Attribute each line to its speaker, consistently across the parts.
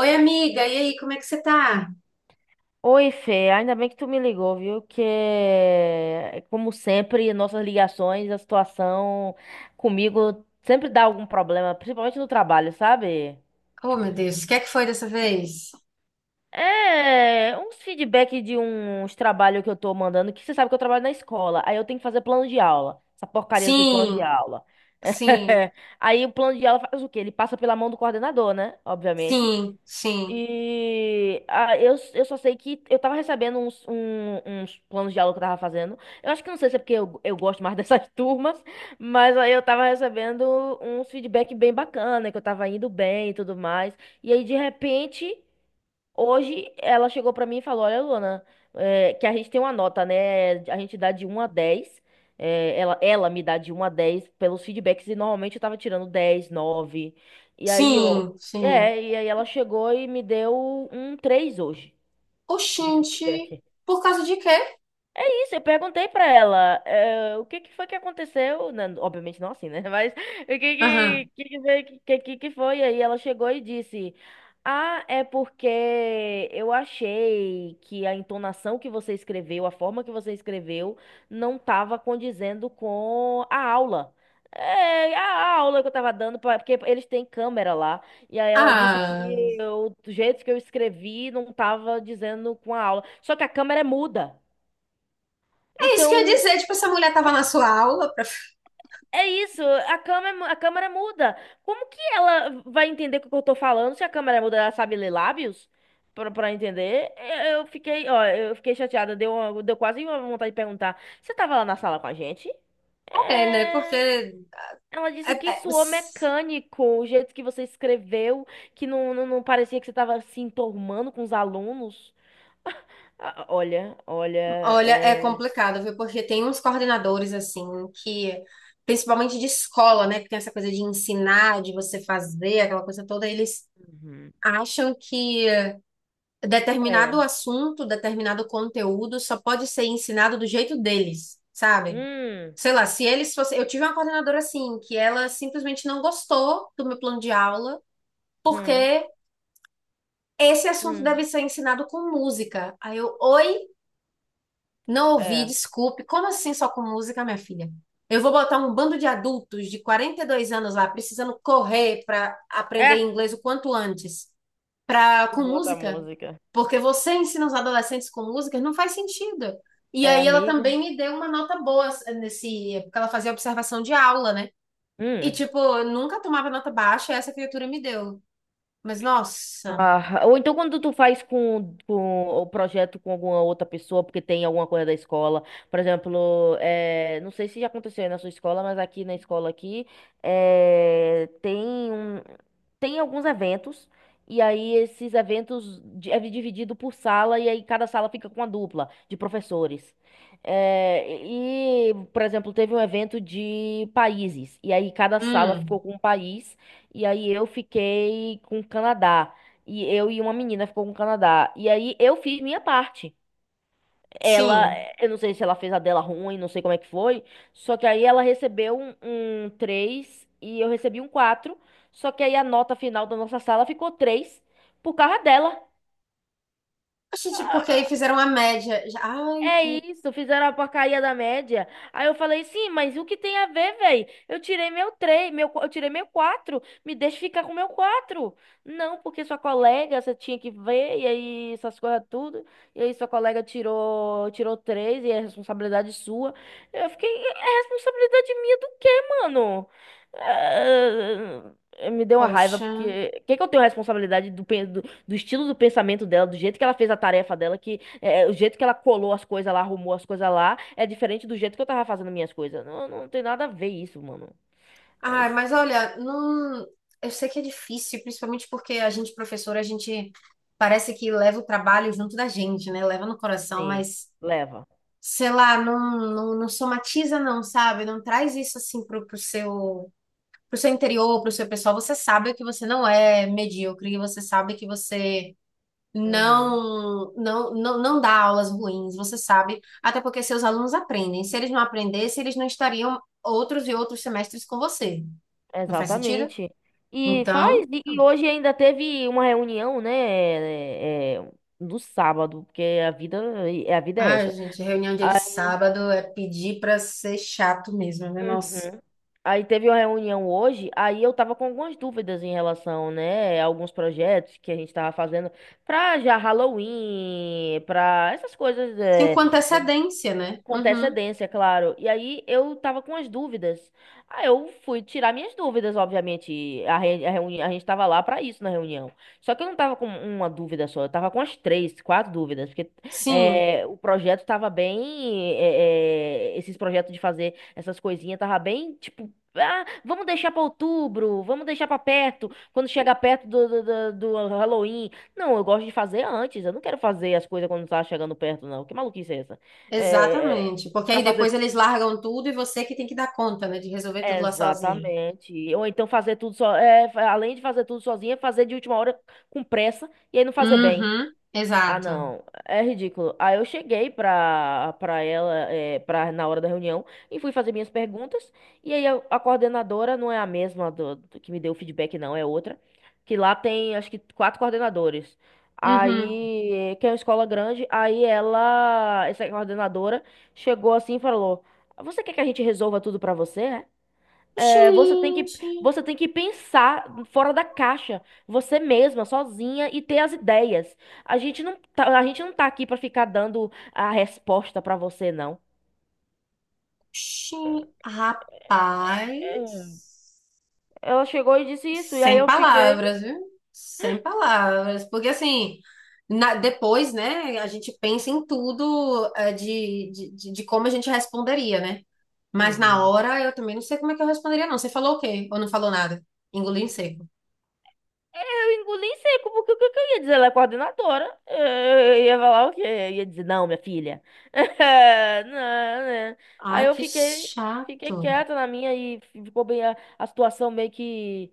Speaker 1: Oi, amiga, e aí, como é que você tá?
Speaker 2: Oi, Fê, ainda bem que tu me ligou, viu? Que, como sempre, nossas ligações, a situação comigo sempre dá algum problema, principalmente no trabalho, sabe?
Speaker 1: Oh, meu Deus, o que é que foi dessa vez?
Speaker 2: É, uns feedback de uns trabalhos que eu tô mandando, que você sabe que eu trabalho na escola, aí eu tenho que fazer plano de aula, essa porcaria desses planos de
Speaker 1: Sim,
Speaker 2: aula.
Speaker 1: sim,
Speaker 2: Aí o plano de aula faz o quê? Ele passa pela mão do coordenador, né? Obviamente.
Speaker 1: sim, sim,
Speaker 2: E ah, eu só sei que eu tava recebendo uns planos de aula que eu tava fazendo. Eu acho que não sei se é porque eu gosto mais dessas turmas, mas aí eu tava recebendo uns feedback bem bacana, que eu tava indo bem e tudo mais. E aí, de repente. Hoje ela chegou pra mim e falou: Olha, Luana, é, que a gente tem uma nota, né? A gente dá de 1 a 10. Ela me dá de 1 a 10 pelos feedbacks e normalmente eu tava tirando 10, 9. E aí eu.
Speaker 1: sim, sim.
Speaker 2: É, e aí ela chegou e me deu um 3 hoje de
Speaker 1: Oxente,
Speaker 2: feedback.
Speaker 1: por causa de quê?
Speaker 2: Isso, eu perguntei pra ela, o que que foi que aconteceu, né? Obviamente não assim, né? Mas o que
Speaker 1: Aham.
Speaker 2: que, foi- que foi? Aí ela chegou e disse: Ah, é porque eu achei que a entonação que você escreveu, a forma que você escreveu, não estava condizendo com a aula. É, a aula que eu tava dando, porque eles têm câmera lá. E aí ela disse que
Speaker 1: Ah,
Speaker 2: o jeito que eu escrevi não tava dizendo com a aula. Só que a câmera é muda.
Speaker 1: é isso que eu ia
Speaker 2: Então,
Speaker 1: dizer, tipo, essa mulher tava na sua aula pra...
Speaker 2: é isso, a câmera muda. Como que ela vai entender o que eu tô falando se a câmera muda? Ela sabe ler lábios? Pra entender? Eu fiquei, ó, eu fiquei chateada, deu quase uma vontade de perguntar. Você tava lá na sala com a gente?
Speaker 1: É, né,
Speaker 2: É...
Speaker 1: porque...
Speaker 2: Ela disse
Speaker 1: é-
Speaker 2: que
Speaker 1: é-
Speaker 2: suou
Speaker 1: s-
Speaker 2: mecânico, o jeito que você escreveu, que não, não, não parecia que você tava se enturmando com os alunos. Ah, olha, olha,
Speaker 1: olha, é
Speaker 2: é...
Speaker 1: complicado, viu, porque tem uns coordenadores, assim, que... Principalmente de escola, né, que tem essa coisa de ensinar, de você fazer, aquela coisa toda, eles
Speaker 2: Uhum.
Speaker 1: acham que...
Speaker 2: É.
Speaker 1: determinado assunto, determinado conteúdo só pode ser ensinado do jeito deles, sabe?
Speaker 2: Hum,
Speaker 1: Sei lá, se eles fossem. Eu tive uma coordenadora assim, que ela simplesmente não gostou do meu plano de aula, porque
Speaker 2: hum,
Speaker 1: esse assunto deve
Speaker 2: hum,
Speaker 1: ser ensinado com música. Aí eu, oi, não ouvi,
Speaker 2: é.
Speaker 1: desculpe. Como assim só com música, minha filha? Eu vou botar um bando de adultos de 42 anos lá, precisando correr para aprender
Speaker 2: É.
Speaker 1: inglês o quanto antes. Pra,
Speaker 2: E
Speaker 1: com
Speaker 2: boa a
Speaker 1: música,
Speaker 2: música.
Speaker 1: porque você ensina os adolescentes com música, não faz sentido. E
Speaker 2: É,
Speaker 1: aí ela
Speaker 2: amiga.
Speaker 1: também me deu uma nota boa nesse, porque ela fazia observação de aula, né? E
Speaker 2: Hum.
Speaker 1: tipo, eu nunca tomava nota baixa, essa criatura me deu. Mas nossa,
Speaker 2: Ah, ou então quando tu faz com o projeto com alguma outra pessoa, porque tem alguma coisa da escola, por exemplo, não sei se já aconteceu aí na sua escola, mas aqui na escola aqui eh, tem um, tem alguns eventos, e aí esses eventos é dividido por sala, e aí cada sala fica com uma dupla de professores. Por exemplo, teve um evento de países, e aí cada sala
Speaker 1: hum,
Speaker 2: ficou com um país, e aí eu fiquei com o Canadá. E eu e uma menina ficou com o Canadá. E aí eu fiz minha parte. Ela,
Speaker 1: sim.
Speaker 2: eu não sei se ela fez a dela ruim, não sei como é que foi. Só que aí ela recebeu um 3 e eu recebi um quatro. Só que aí a nota final da nossa sala ficou 3 por causa dela.
Speaker 1: A gente, porque aí fizeram a média. Já- Ai,
Speaker 2: É
Speaker 1: que
Speaker 2: isso, fizeram a porcaria da média. Aí eu falei, sim, mas o que tem a ver, velho? Eu tirei meu 3, eu tirei meu 4, me deixa ficar com meu 4? Não, porque sua colega, você tinha que ver, e aí essas coisas tudo. E aí sua colega tirou 3 e é responsabilidade sua. Eu fiquei, é responsabilidade minha do quê, mano? Me deu uma raiva,
Speaker 1: poxa.
Speaker 2: porque... que eu tenho responsabilidade do estilo do pensamento dela, do jeito que ela fez a tarefa dela, é, o jeito que ela colou as coisas lá, arrumou as coisas lá, é diferente do jeito que eu tava fazendo minhas coisas. Não, não tem nada a ver isso, mano. É,
Speaker 1: Ai, mas olha, não, eu sei que é difícil, principalmente porque a gente professora, a gente parece que leva o trabalho junto da gente, né? Leva no coração,
Speaker 2: sim,
Speaker 1: mas
Speaker 2: leva.
Speaker 1: sei lá, não, não, não somatiza não, sabe? Não traz isso assim pro, pro seu interior, pro seu pessoal. Você sabe que você não é medíocre, você sabe que você
Speaker 2: Uhum,
Speaker 1: não, não, não, não dá aulas ruins, você sabe, até porque seus alunos aprendem. Se eles não aprendessem, eles não estariam outros e outros semestres com você. Não faz sentido?
Speaker 2: exatamente. E
Speaker 1: Então,
Speaker 2: faz. E hoje ainda teve uma reunião, né? É, é, no sábado, porque a vida é
Speaker 1: ai,
Speaker 2: essa.
Speaker 1: gente, reunião dia de sábado é pedir pra ser chato mesmo, né? Nossa.
Speaker 2: Uhum. Aí teve uma reunião hoje, aí eu tava com algumas dúvidas em relação, né, a alguns projetos que a gente tava fazendo pra já Halloween, pra essas coisas,
Speaker 1: Sim, com
Speaker 2: é,
Speaker 1: antecedência, né?
Speaker 2: com
Speaker 1: Uhum.
Speaker 2: antecedência, claro. E aí eu tava com as dúvidas. Aí eu fui tirar minhas dúvidas, obviamente. Reuni a gente tava lá pra isso na reunião. Só que eu não tava com uma dúvida só, eu tava com as três, quatro dúvidas. Porque
Speaker 1: Sim.
Speaker 2: é, o projeto tava bem. É, é, esses projetos de fazer essas coisinhas tava bem tipo. Ah, vamos deixar pra outubro, vamos deixar pra perto, quando chegar perto do Halloween. Não, eu gosto de fazer antes, eu não quero fazer as coisas quando tá chegando perto, não. Que maluquice é essa? É,
Speaker 1: Exatamente, porque
Speaker 2: para
Speaker 1: aí depois
Speaker 2: fazer
Speaker 1: eles largam tudo e você que tem que dar conta, né, de resolver tudo lá sozinha.
Speaker 2: exatamente. Ou então fazer tudo só, é, além de fazer tudo sozinha, fazer de última hora com pressa e aí não fazer bem.
Speaker 1: Uhum,
Speaker 2: Ah,
Speaker 1: exato.
Speaker 2: não, é ridículo. Aí eu cheguei pra ela, na hora da reunião, e fui fazer minhas perguntas. E aí a coordenadora não é a mesma do que me deu o feedback, não, é outra. Que lá tem, acho que, quatro coordenadores.
Speaker 1: Uhum.
Speaker 2: Aí, que é uma escola grande, essa coordenadora, chegou assim e falou: Você quer que a gente resolva tudo pra você? É? É,
Speaker 1: Gente,
Speaker 2: você tem que pensar fora da caixa, você mesma, sozinha e ter as ideias. A gente não tá aqui pra ficar dando a resposta pra você, não.
Speaker 1: gente,
Speaker 2: É.
Speaker 1: rapaz,
Speaker 2: Ela chegou e disse isso, e aí
Speaker 1: sem
Speaker 2: eu fiquei.
Speaker 1: palavras, viu? Sem palavras, porque assim, na- depois, né, a gente pensa em tudo de como a gente responderia, né? Mas na
Speaker 2: Uhum.
Speaker 1: hora eu também não sei como é que eu responderia, não. Você falou o quê? Ou não falou nada? Engoliu em seco.
Speaker 2: Eu engoli em seco, porque o que que eu ia dizer? Ela é coordenadora. É, eu ia falar o quê? Eu ia dizer, não, minha filha. Não, né? Aí
Speaker 1: Ai, que
Speaker 2: fiquei
Speaker 1: chato.
Speaker 2: quieta na minha e ficou bem a situação meio que.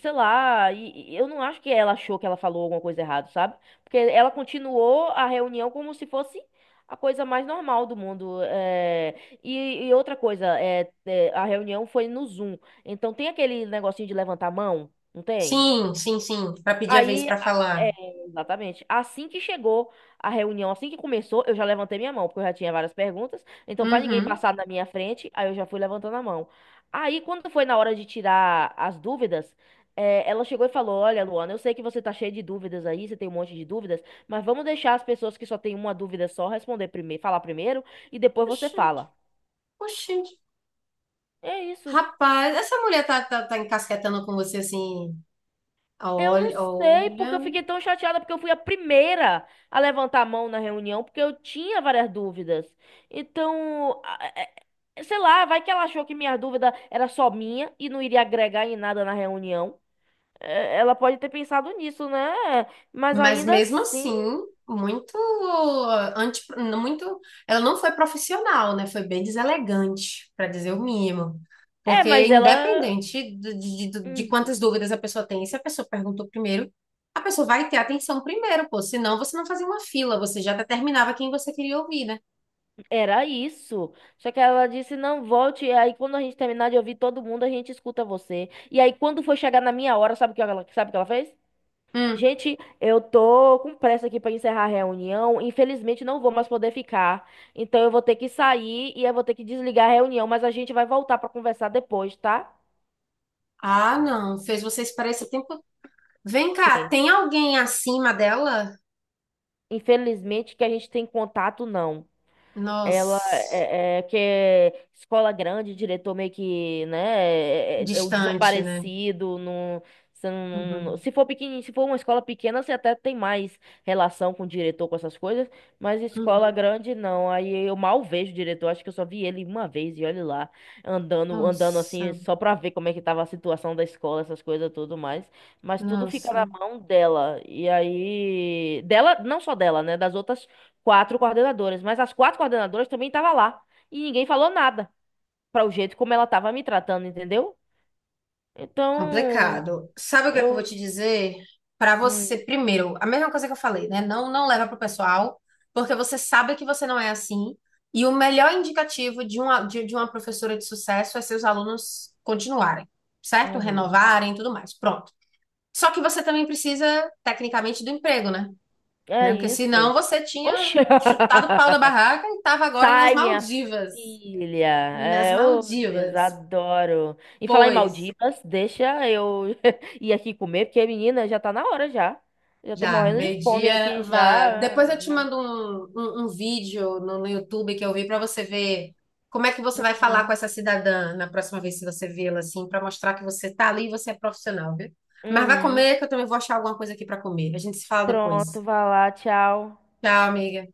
Speaker 2: Sei lá, e eu não acho que ela achou que ela falou alguma coisa errada, sabe? Porque ela continuou a reunião como se fosse a coisa mais normal do mundo. É. E outra coisa, é, é, a reunião foi no Zoom. Então tem aquele negocinho de levantar a mão, não tem?
Speaker 1: Sim, sim, sim. Pra pedir a vez
Speaker 2: Aí,
Speaker 1: pra
Speaker 2: a-
Speaker 1: falar.
Speaker 2: é, exatamente. Assim que chegou a reunião, assim que começou, eu já levantei minha mão, porque eu já tinha várias perguntas. Então, para ninguém
Speaker 1: Uhum.
Speaker 2: passar na minha frente, aí eu já fui levantando a mão. Aí, quando foi na hora de tirar as dúvidas, é, ela chegou e falou: Olha, Luana, eu sei que você tá cheia de dúvidas aí, você tem um monte de dúvidas, mas vamos deixar as pessoas que só têm uma dúvida só responder primeiro, falar primeiro, e depois você
Speaker 1: Oxi,
Speaker 2: fala.
Speaker 1: oxi.
Speaker 2: É isso.
Speaker 1: Rapaz, essa mulher tá, tá, tá encasquetando com você assim.
Speaker 2: Eu não
Speaker 1: Olha,
Speaker 2: sei porque eu
Speaker 1: olha.
Speaker 2: fiquei tão chateada, porque eu fui a primeira a levantar a mão na reunião, porque eu tinha várias dúvidas. Então, sei lá, vai que ela achou que minha dúvida era só minha e não iria agregar em nada na reunião. É, ela pode ter pensado nisso, né? Mas
Speaker 1: Mas
Speaker 2: ainda
Speaker 1: mesmo
Speaker 2: assim.
Speaker 1: assim, muito anti, muito, ela não foi profissional, né? Foi bem deselegante, para dizer o mínimo.
Speaker 2: É,
Speaker 1: Porque
Speaker 2: mas ela.
Speaker 1: independente de
Speaker 2: Hum,
Speaker 1: quantas dúvidas a pessoa tem, se a pessoa perguntou primeiro, a pessoa vai ter atenção primeiro, pô. Senão você não fazia uma fila, você já determinava quem você queria ouvir, né?
Speaker 2: Era isso. Só que ela disse: não, volte. E aí, quando a gente terminar de ouvir todo mundo, a gente escuta você. E aí, quando foi chegar na minha hora, sabe sabe o que ela fez?
Speaker 1: Hum.
Speaker 2: Gente, eu tô com pressa aqui para encerrar a reunião. Infelizmente, não vou mais poder ficar. Então, eu vou ter que sair e eu vou ter que desligar a reunião. Mas a gente vai voltar para conversar depois, tá?
Speaker 1: Ah, não, fez você esperar esse tempo. Vem cá,
Speaker 2: Sim.
Speaker 1: tem alguém acima dela?
Speaker 2: Infelizmente, que a gente tem contato, não. Ela
Speaker 1: Nossa,
Speaker 2: é, é que é escola grande, diretor meio que, né, é é o
Speaker 1: distante, né?
Speaker 2: desaparecido. No você não- não-
Speaker 1: Uhum.
Speaker 2: não- Se for pequenininho, se for uma escola pequena, você até tem mais relação com o diretor, com essas coisas, mas escola
Speaker 1: Uhum.
Speaker 2: grande não. Aí eu mal vejo o diretor, acho que eu só vi ele uma vez e olhe lá, andando assim,
Speaker 1: Nossa.
Speaker 2: só pra ver como é que tava a situação da escola, essas coisas tudo mais. Mas tudo fica
Speaker 1: Nossa.
Speaker 2: na mão dela. E aí, não só dela, né, das outras quatro coordenadoras, mas as quatro coordenadoras também estavam lá. E ninguém falou nada para o jeito como ela estava me tratando, entendeu? Então,
Speaker 1: Complicado. Sabe o que é que eu vou te
Speaker 2: eu.
Speaker 1: dizer? Para
Speaker 2: Hum,
Speaker 1: você, primeiro, a mesma coisa que eu falei, né? Não, não leva pro pessoal, porque você sabe que você não é assim. E o melhor indicativo de uma, de uma professora de sucesso é seus alunos continuarem, certo?
Speaker 2: uhum.
Speaker 1: Renovarem e tudo mais. Pronto. Só que você também precisa, tecnicamente, do emprego, né?
Speaker 2: É
Speaker 1: Né? Porque senão
Speaker 2: isso.
Speaker 1: você
Speaker 2: Oxe!
Speaker 1: tinha chutado o pau da barraca e estava agora nas
Speaker 2: Sai, minha
Speaker 1: Maldivas.
Speaker 2: filha.
Speaker 1: Nas
Speaker 2: É, oh, Deus,
Speaker 1: Maldivas.
Speaker 2: adoro. E falar em
Speaker 1: Pois.
Speaker 2: Maldivas, deixa eu ir aqui comer, porque, menina, já tá na hora já. Já tô
Speaker 1: Já,
Speaker 2: morrendo de fome
Speaker 1: meio-dia,
Speaker 2: aqui
Speaker 1: vá.
Speaker 2: já.
Speaker 1: Depois eu te mando um, um, um vídeo no, no YouTube que eu vi para você ver como é que você vai falar com
Speaker 2: Uhum.
Speaker 1: essa cidadã na próxima vez que você vê-la, assim, para mostrar que você tá ali e você é profissional, viu? Mas vai
Speaker 2: Uhum.
Speaker 1: comer, que eu também vou achar alguma coisa aqui para comer. A gente se fala
Speaker 2: Pronto,
Speaker 1: depois.
Speaker 2: vai lá, tchau.
Speaker 1: Tchau, amiga.